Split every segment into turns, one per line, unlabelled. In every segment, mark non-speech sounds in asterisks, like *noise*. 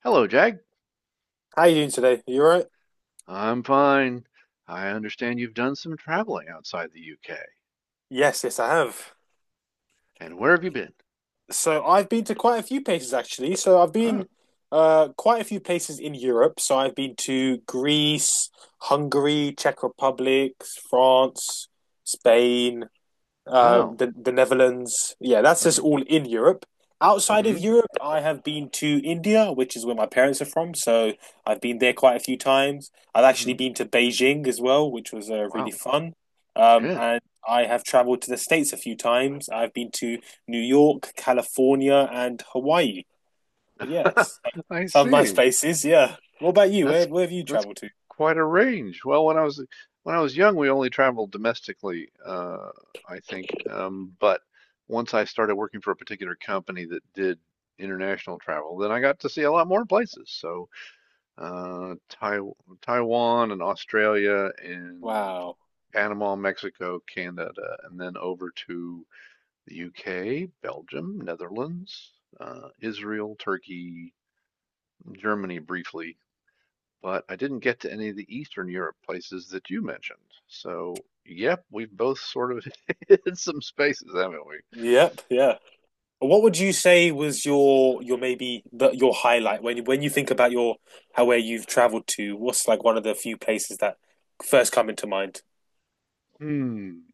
Hello, Jag.
How you doing today? Are you alright?
I'm fine. I understand you've done some traveling outside the UK.
Yes, yes, I have.
And where have you been?
So I've been to quite a few places actually. So I've
Oh,
been quite a few places in Europe. So I've been to Greece, Hungary, Czech Republic, France, Spain, um,
wow.
the the Netherlands. Yeah, that's just
Mm-hmm.
all in Europe. Outside of
Mm-hmm.
Europe, I have been to India, which is where my parents are from, so I've been there quite a few times. I've actually
Mm-hmm.
been to Beijing as well, which was really
Wow.
fun. Um,
Yeah.
and I have traveled to the States a few times. I've been to New York, California, and Hawaii. But yes,
*laughs* I
some nice
see.
places. Yeah. What about you?
That's
Where have you
that's
traveled to?
quite a range. Well, when I was young, we only traveled domestically, I think. But once I started working for a particular company that did international travel, then I got to see a lot more places. So, uh, Taiwan and Australia and
Wow.
Panama, Mexico, Canada, and then over to the UK, Belgium, Netherlands, Israel, Turkey, Germany briefly. But I didn't get to any of the Eastern Europe places that you mentioned. So, yep, we've both sort of *laughs* hit some spaces, haven't we?
Yep. Yeah. What would you say was your highlight when you think about your how where you've traveled to? What's like one of the few places that first come into mind?
Hmm.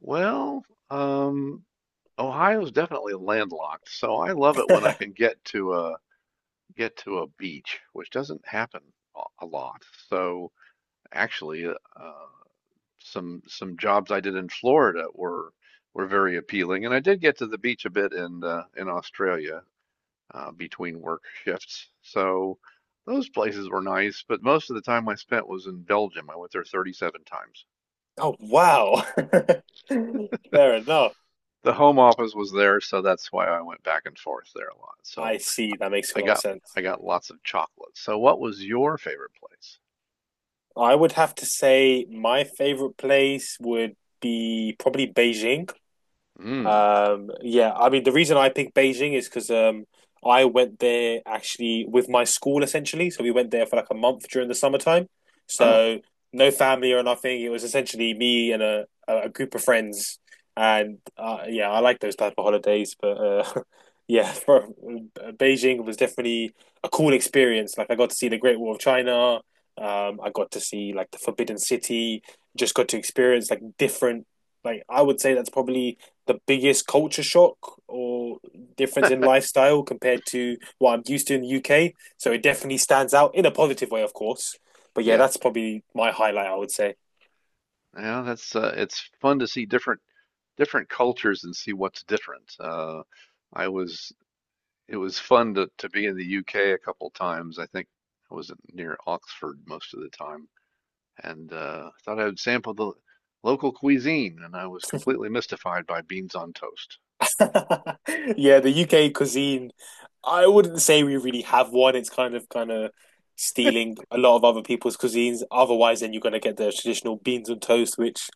Well, um, Ohio's definitely landlocked, so I love it when I can
*laughs*
get to a beach, which doesn't happen a lot. So actually, some jobs I did in Florida were very appealing, and I did get to the beach a bit in Australia between work shifts. So those places were nice, but most of the time I spent was in Belgium. I went there 37 times.
Oh wow. *laughs* Fair enough.
The home office was there, so that's why I went back and forth there a lot.
I
So
see. That makes a
I
lot of
got
sense.
I got lots of chocolate. So what was your favorite place?
I would have to say my favorite place would be probably Beijing.
Mm.
Yeah, I mean, the reason I picked Beijing is because I went there actually with my school essentially. So we went there for like a month during the summertime.
Oh,
So no family or nothing. It was essentially me and a group of friends. And yeah, I like those type of holidays. But *laughs* yeah, Beijing was definitely a cool experience. Like I got to see the Great Wall of China. I got to see like the Forbidden City. Just got to experience like different. Like I would say that's probably the biggest culture shock or difference in lifestyle compared to what I'm used to in the UK. So it definitely stands out in a positive way, of course. But yeah,
yeah.
that's probably my highlight, I would say.
Yeah, that's it's fun to see different cultures and see what's different. I was it was fun to be in the UK a couple times. I think I was near Oxford most of the time, and thought I would sample the local cuisine, and I was completely mystified by beans on toast.
*laughs* Yeah, the UK cuisine, I wouldn't say we really have one. It's kind of stealing a lot of other people's cuisines. Otherwise, then you're going to get the traditional beans and toast, which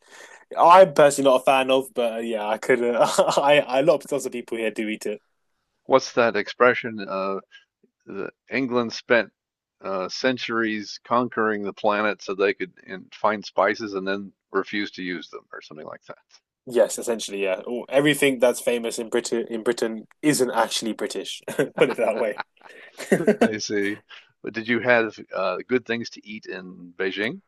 I'm personally not a fan of. But yeah, I could. *laughs* I lots of people here do eat it.
What's that expression? The England spent centuries conquering the planet so they could and find spices and then refuse to use them, or something like that.
Yes, essentially, yeah. Everything that's famous in Britain isn't actually British. *laughs* Put it that
*laughs*
way.
I
*laughs*
see. But did you have good things to eat in Beijing?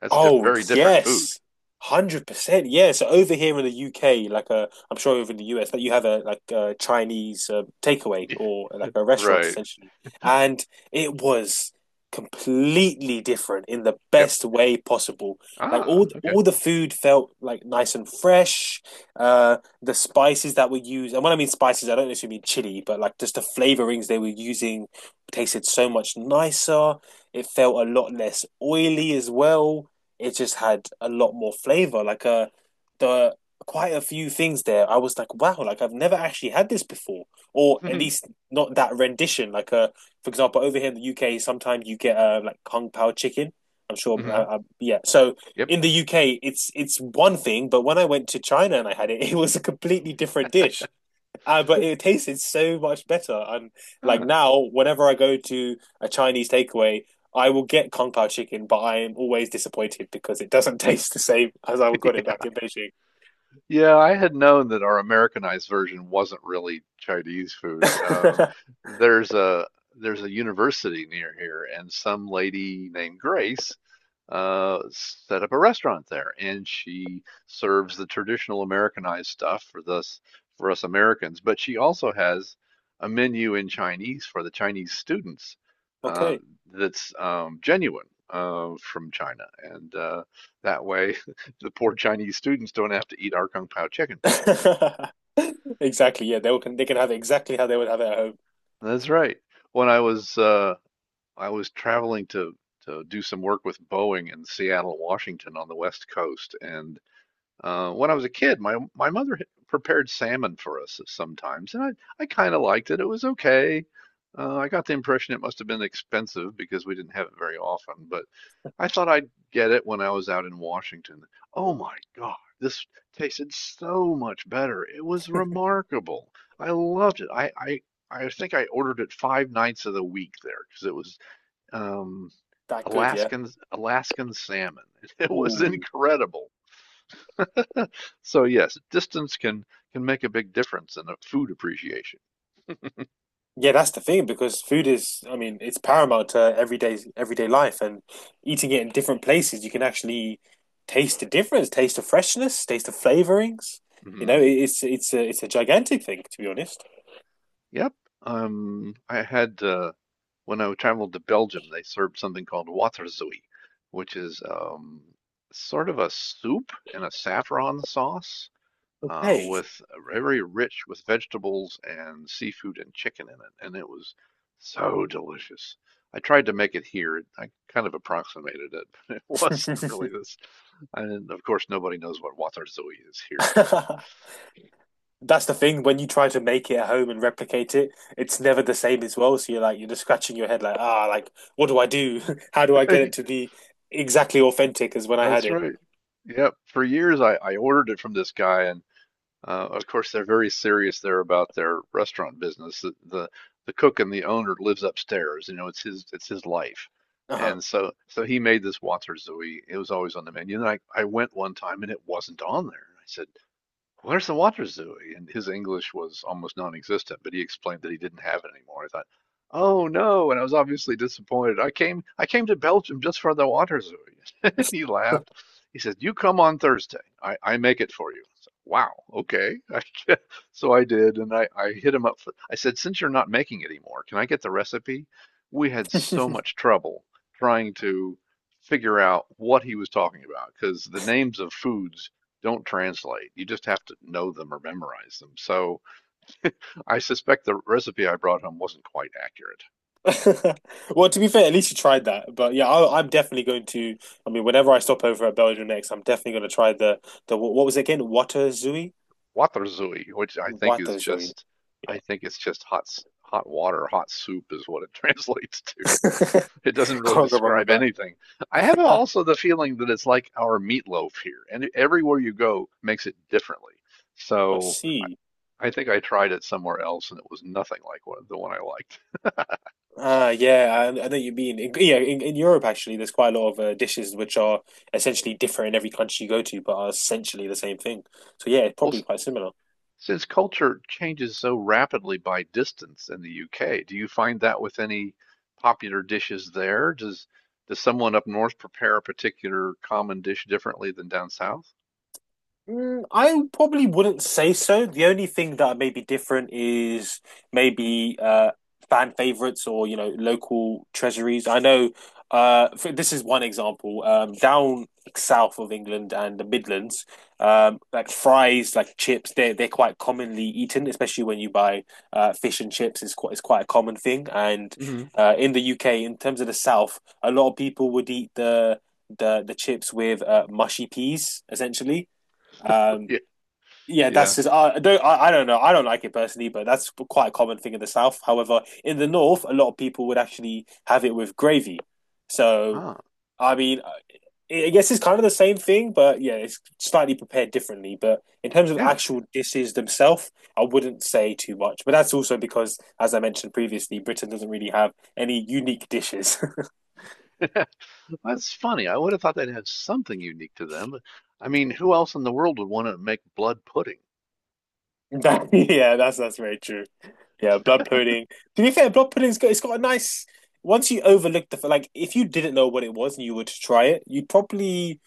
That's diff
Oh
Very different food.
yes, 100%. Yeah. So over here in the UK, like I'm sure over in the US, that you have a like a Chinese takeaway or like a
*laughs*
restaurant
Right.
essentially, and it was completely different in the
Yep.
best way possible. Like all
Ah, okay.
all the food felt like nice and fresh. The spices that were used, and when I mean spices, I don't necessarily mean chili, but like just the flavorings they were using tasted so much nicer. It felt a lot less oily as well, it just had a lot more flavor. Like the quite a few things there, I was like, wow, like I've never actually had this before, or
*laughs*
at
Hmm.
least not that rendition. Like for example, over here in the UK, sometimes you get like kung pao chicken. I'm sure,
Hmm.
yeah. So
Yep.
in the UK, it's one thing, but when I went to China and I had it, *laughs* it was a completely different dish. But it tasted so much better. And like
Ah.
now, whenever I go to a Chinese takeaway, I will get Kung Pao chicken, but I am always disappointed because it doesn't *laughs* taste the same as I got it
*laughs*
back in Beijing.
Yeah, I had known that our Americanized version wasn't really Chinese food.
*laughs*
There's a there's a university near here, and some lady named Grace set up a restaurant there, and she serves the traditional Americanized stuff for this for us Americans. But she also has a menu in Chinese for the Chinese students uh,
Okay. *laughs*
that's genuine, from China, and that way the poor Chinese students don't have to eat our kung pao chicken.
Exactly. Yeah, they will, they can have it exactly how they would have it at home.
That's right. When I was traveling to do some work with Boeing in Seattle, Washington, on the West Coast, and when I was a kid, my mother had prepared salmon for us sometimes, and I kind of liked it. It was okay. I got the impression it must have been expensive because we didn't have it very often, but I thought I'd get it when I was out in Washington. Oh my God, this tasted so much better. It was remarkable. I loved it. I think I ordered it five nights of the week there because it was um,
That good, yeah.
Alaskan salmon. *laughs* It was
Ooh.
incredible. So yes, distance can make a big difference in a food appreciation.
Yeah, that's the thing because food is, I mean, it's paramount to everyday life and eating it in different places, you can actually taste the difference, taste the freshness, taste the flavorings. You know,
Hmm.
it's a gigantic thing to be honest.
Yep. I had, when I traveled to Belgium, they served something called waterzooi, which is sort of a soup in a saffron sauce,
Okay.
with, very rich with vegetables and seafood and chicken in it, and it was so delicious. I tried to make it here. I kind of approximated it, *laughs* but it wasn't really
*laughs*
this. And of course, nobody knows what waterzooi is here, so.
That's the thing when you try to make it at home and replicate it, it's never the same as well. So you're like you're just scratching your head like, ah, like what do I do? *laughs* How do I get it to
*laughs*
be exactly authentic as when I had
That's
it?
right. Yep. For years, I ordered it from this guy, and of course, they're very serious there about their restaurant business. The the cook and the owner lives upstairs. You know, it's his life,
Uh-huh.
and so he made this water Zooey. It was always on the menu, and I went one time and it wasn't on there. I said, where's the water zoo? And his English was almost non-existent, but he explained that he didn't have it anymore. I thought, oh no, and I was obviously disappointed. I came to Belgium just for the water zoo. *laughs* He laughed. He said, "You come on Thursday. I make it for you." I said, wow, okay. *laughs* So I did, and I hit him up for, I said, since you're not making it anymore, can I get the recipe? We had so much trouble trying to figure out what he was talking about because the names of foods don't translate. You just have to know them or memorize them. So I suspect the recipe I brought home wasn't quite accurate.
*laughs* Well, to be fair, at least you tried that. But yeah, I'm definitely going to. I mean, whenever I stop over at Belgium next, I'm definitely going to try the the what was it again? Waterzui?
Waterzui, which I think is
Waterzui.
just, I think it's just hot water, hot soup is what it *laughs* translates to.
Yeah,
It doesn't
*laughs*
really
can't go wrong with
describe
that.
anything. I have also the feeling that it's like our meatloaf here, and, e, everywhere you go makes it differently.
I
So I,
see.
I think I tried it somewhere else, and it was nothing like what, the one I liked.
Ah, yeah, I know what you mean. In Europe actually, there's quite a lot of dishes which are essentially different in every country you go to, but are essentially the same thing. So yeah, it's
Well,
probably quite similar.
since culture changes so rapidly by distance in the UK, do you find that with any popular dishes there? Does someone up north prepare a particular common dish differently than down south?
Mm, I probably wouldn't say so. The only thing that may be different is maybe fan favorites or you know local treasuries. I know this is one example. Down south of England and the Midlands, like fries, like chips, they're quite commonly eaten, especially when you buy fish and chips. It's quite a common thing. And
Mhm.
in the UK, in terms of the south, a lot of people would eat the chips with mushy peas essentially.
*laughs*
um,
Yeah.
yeah,
Yeah.
that's just I don't know, I don't like it personally, but that's quite a common thing in the South. However, in the North, a lot of people would actually have it with gravy. So
Ah,
I mean, I guess it's kind of the same thing, but yeah, it's slightly prepared differently. But in terms of
yeah.
actual dishes themselves, I wouldn't say too much. But that's also because, as I mentioned previously, Britain doesn't really have any unique dishes. *laughs*
*laughs* That's funny. I would have thought they'd have something unique to them. But, I mean, who else in the world would want to make blood pudding?
That, *laughs* yeah, that's very true. Yeah, blood pudding. To be fair, blood pudding's got, it's got a nice. Once you overlook like, if you didn't know what it was and you were to try it, you'd probably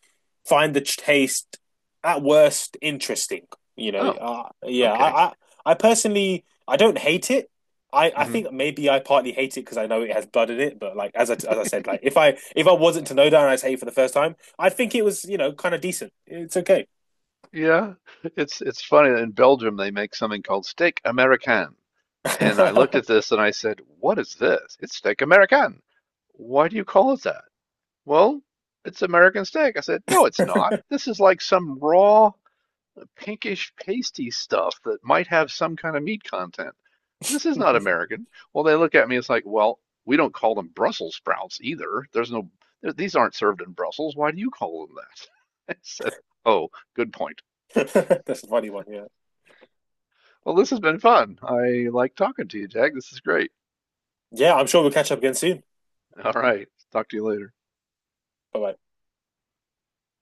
find the taste at worst interesting. You know,
Oh,
yeah.
okay.
I personally I don't hate it. I
Mhm.
think maybe I partly hate it because I know it has blood in it. But like as I said,
*laughs*
like if I wasn't to know that and I say it for the first time, I think it was you know kind of decent. It's okay.
Yeah. It's funny that in Belgium they make something called steak Americain. And I looked at
*laughs*
this and I said, what is this? It's steak American. Why do you call it that? Well, it's American steak. I said, no, it's not. This is like some raw, pinkish, pasty stuff that might have some kind of meat content. This is not American. Well, they look at me, it's like, well, we don't call them Brussels sprouts either. There's no, these aren't served in Brussels. Why do you call them that? *laughs* I said, oh, good point.
That's a funny one. Yeah.
Well, this has been fun. I like talking to you, Jack. This is great.
Yeah, I'm sure we'll catch up again soon.
All right. Talk to you later.
Bye bye.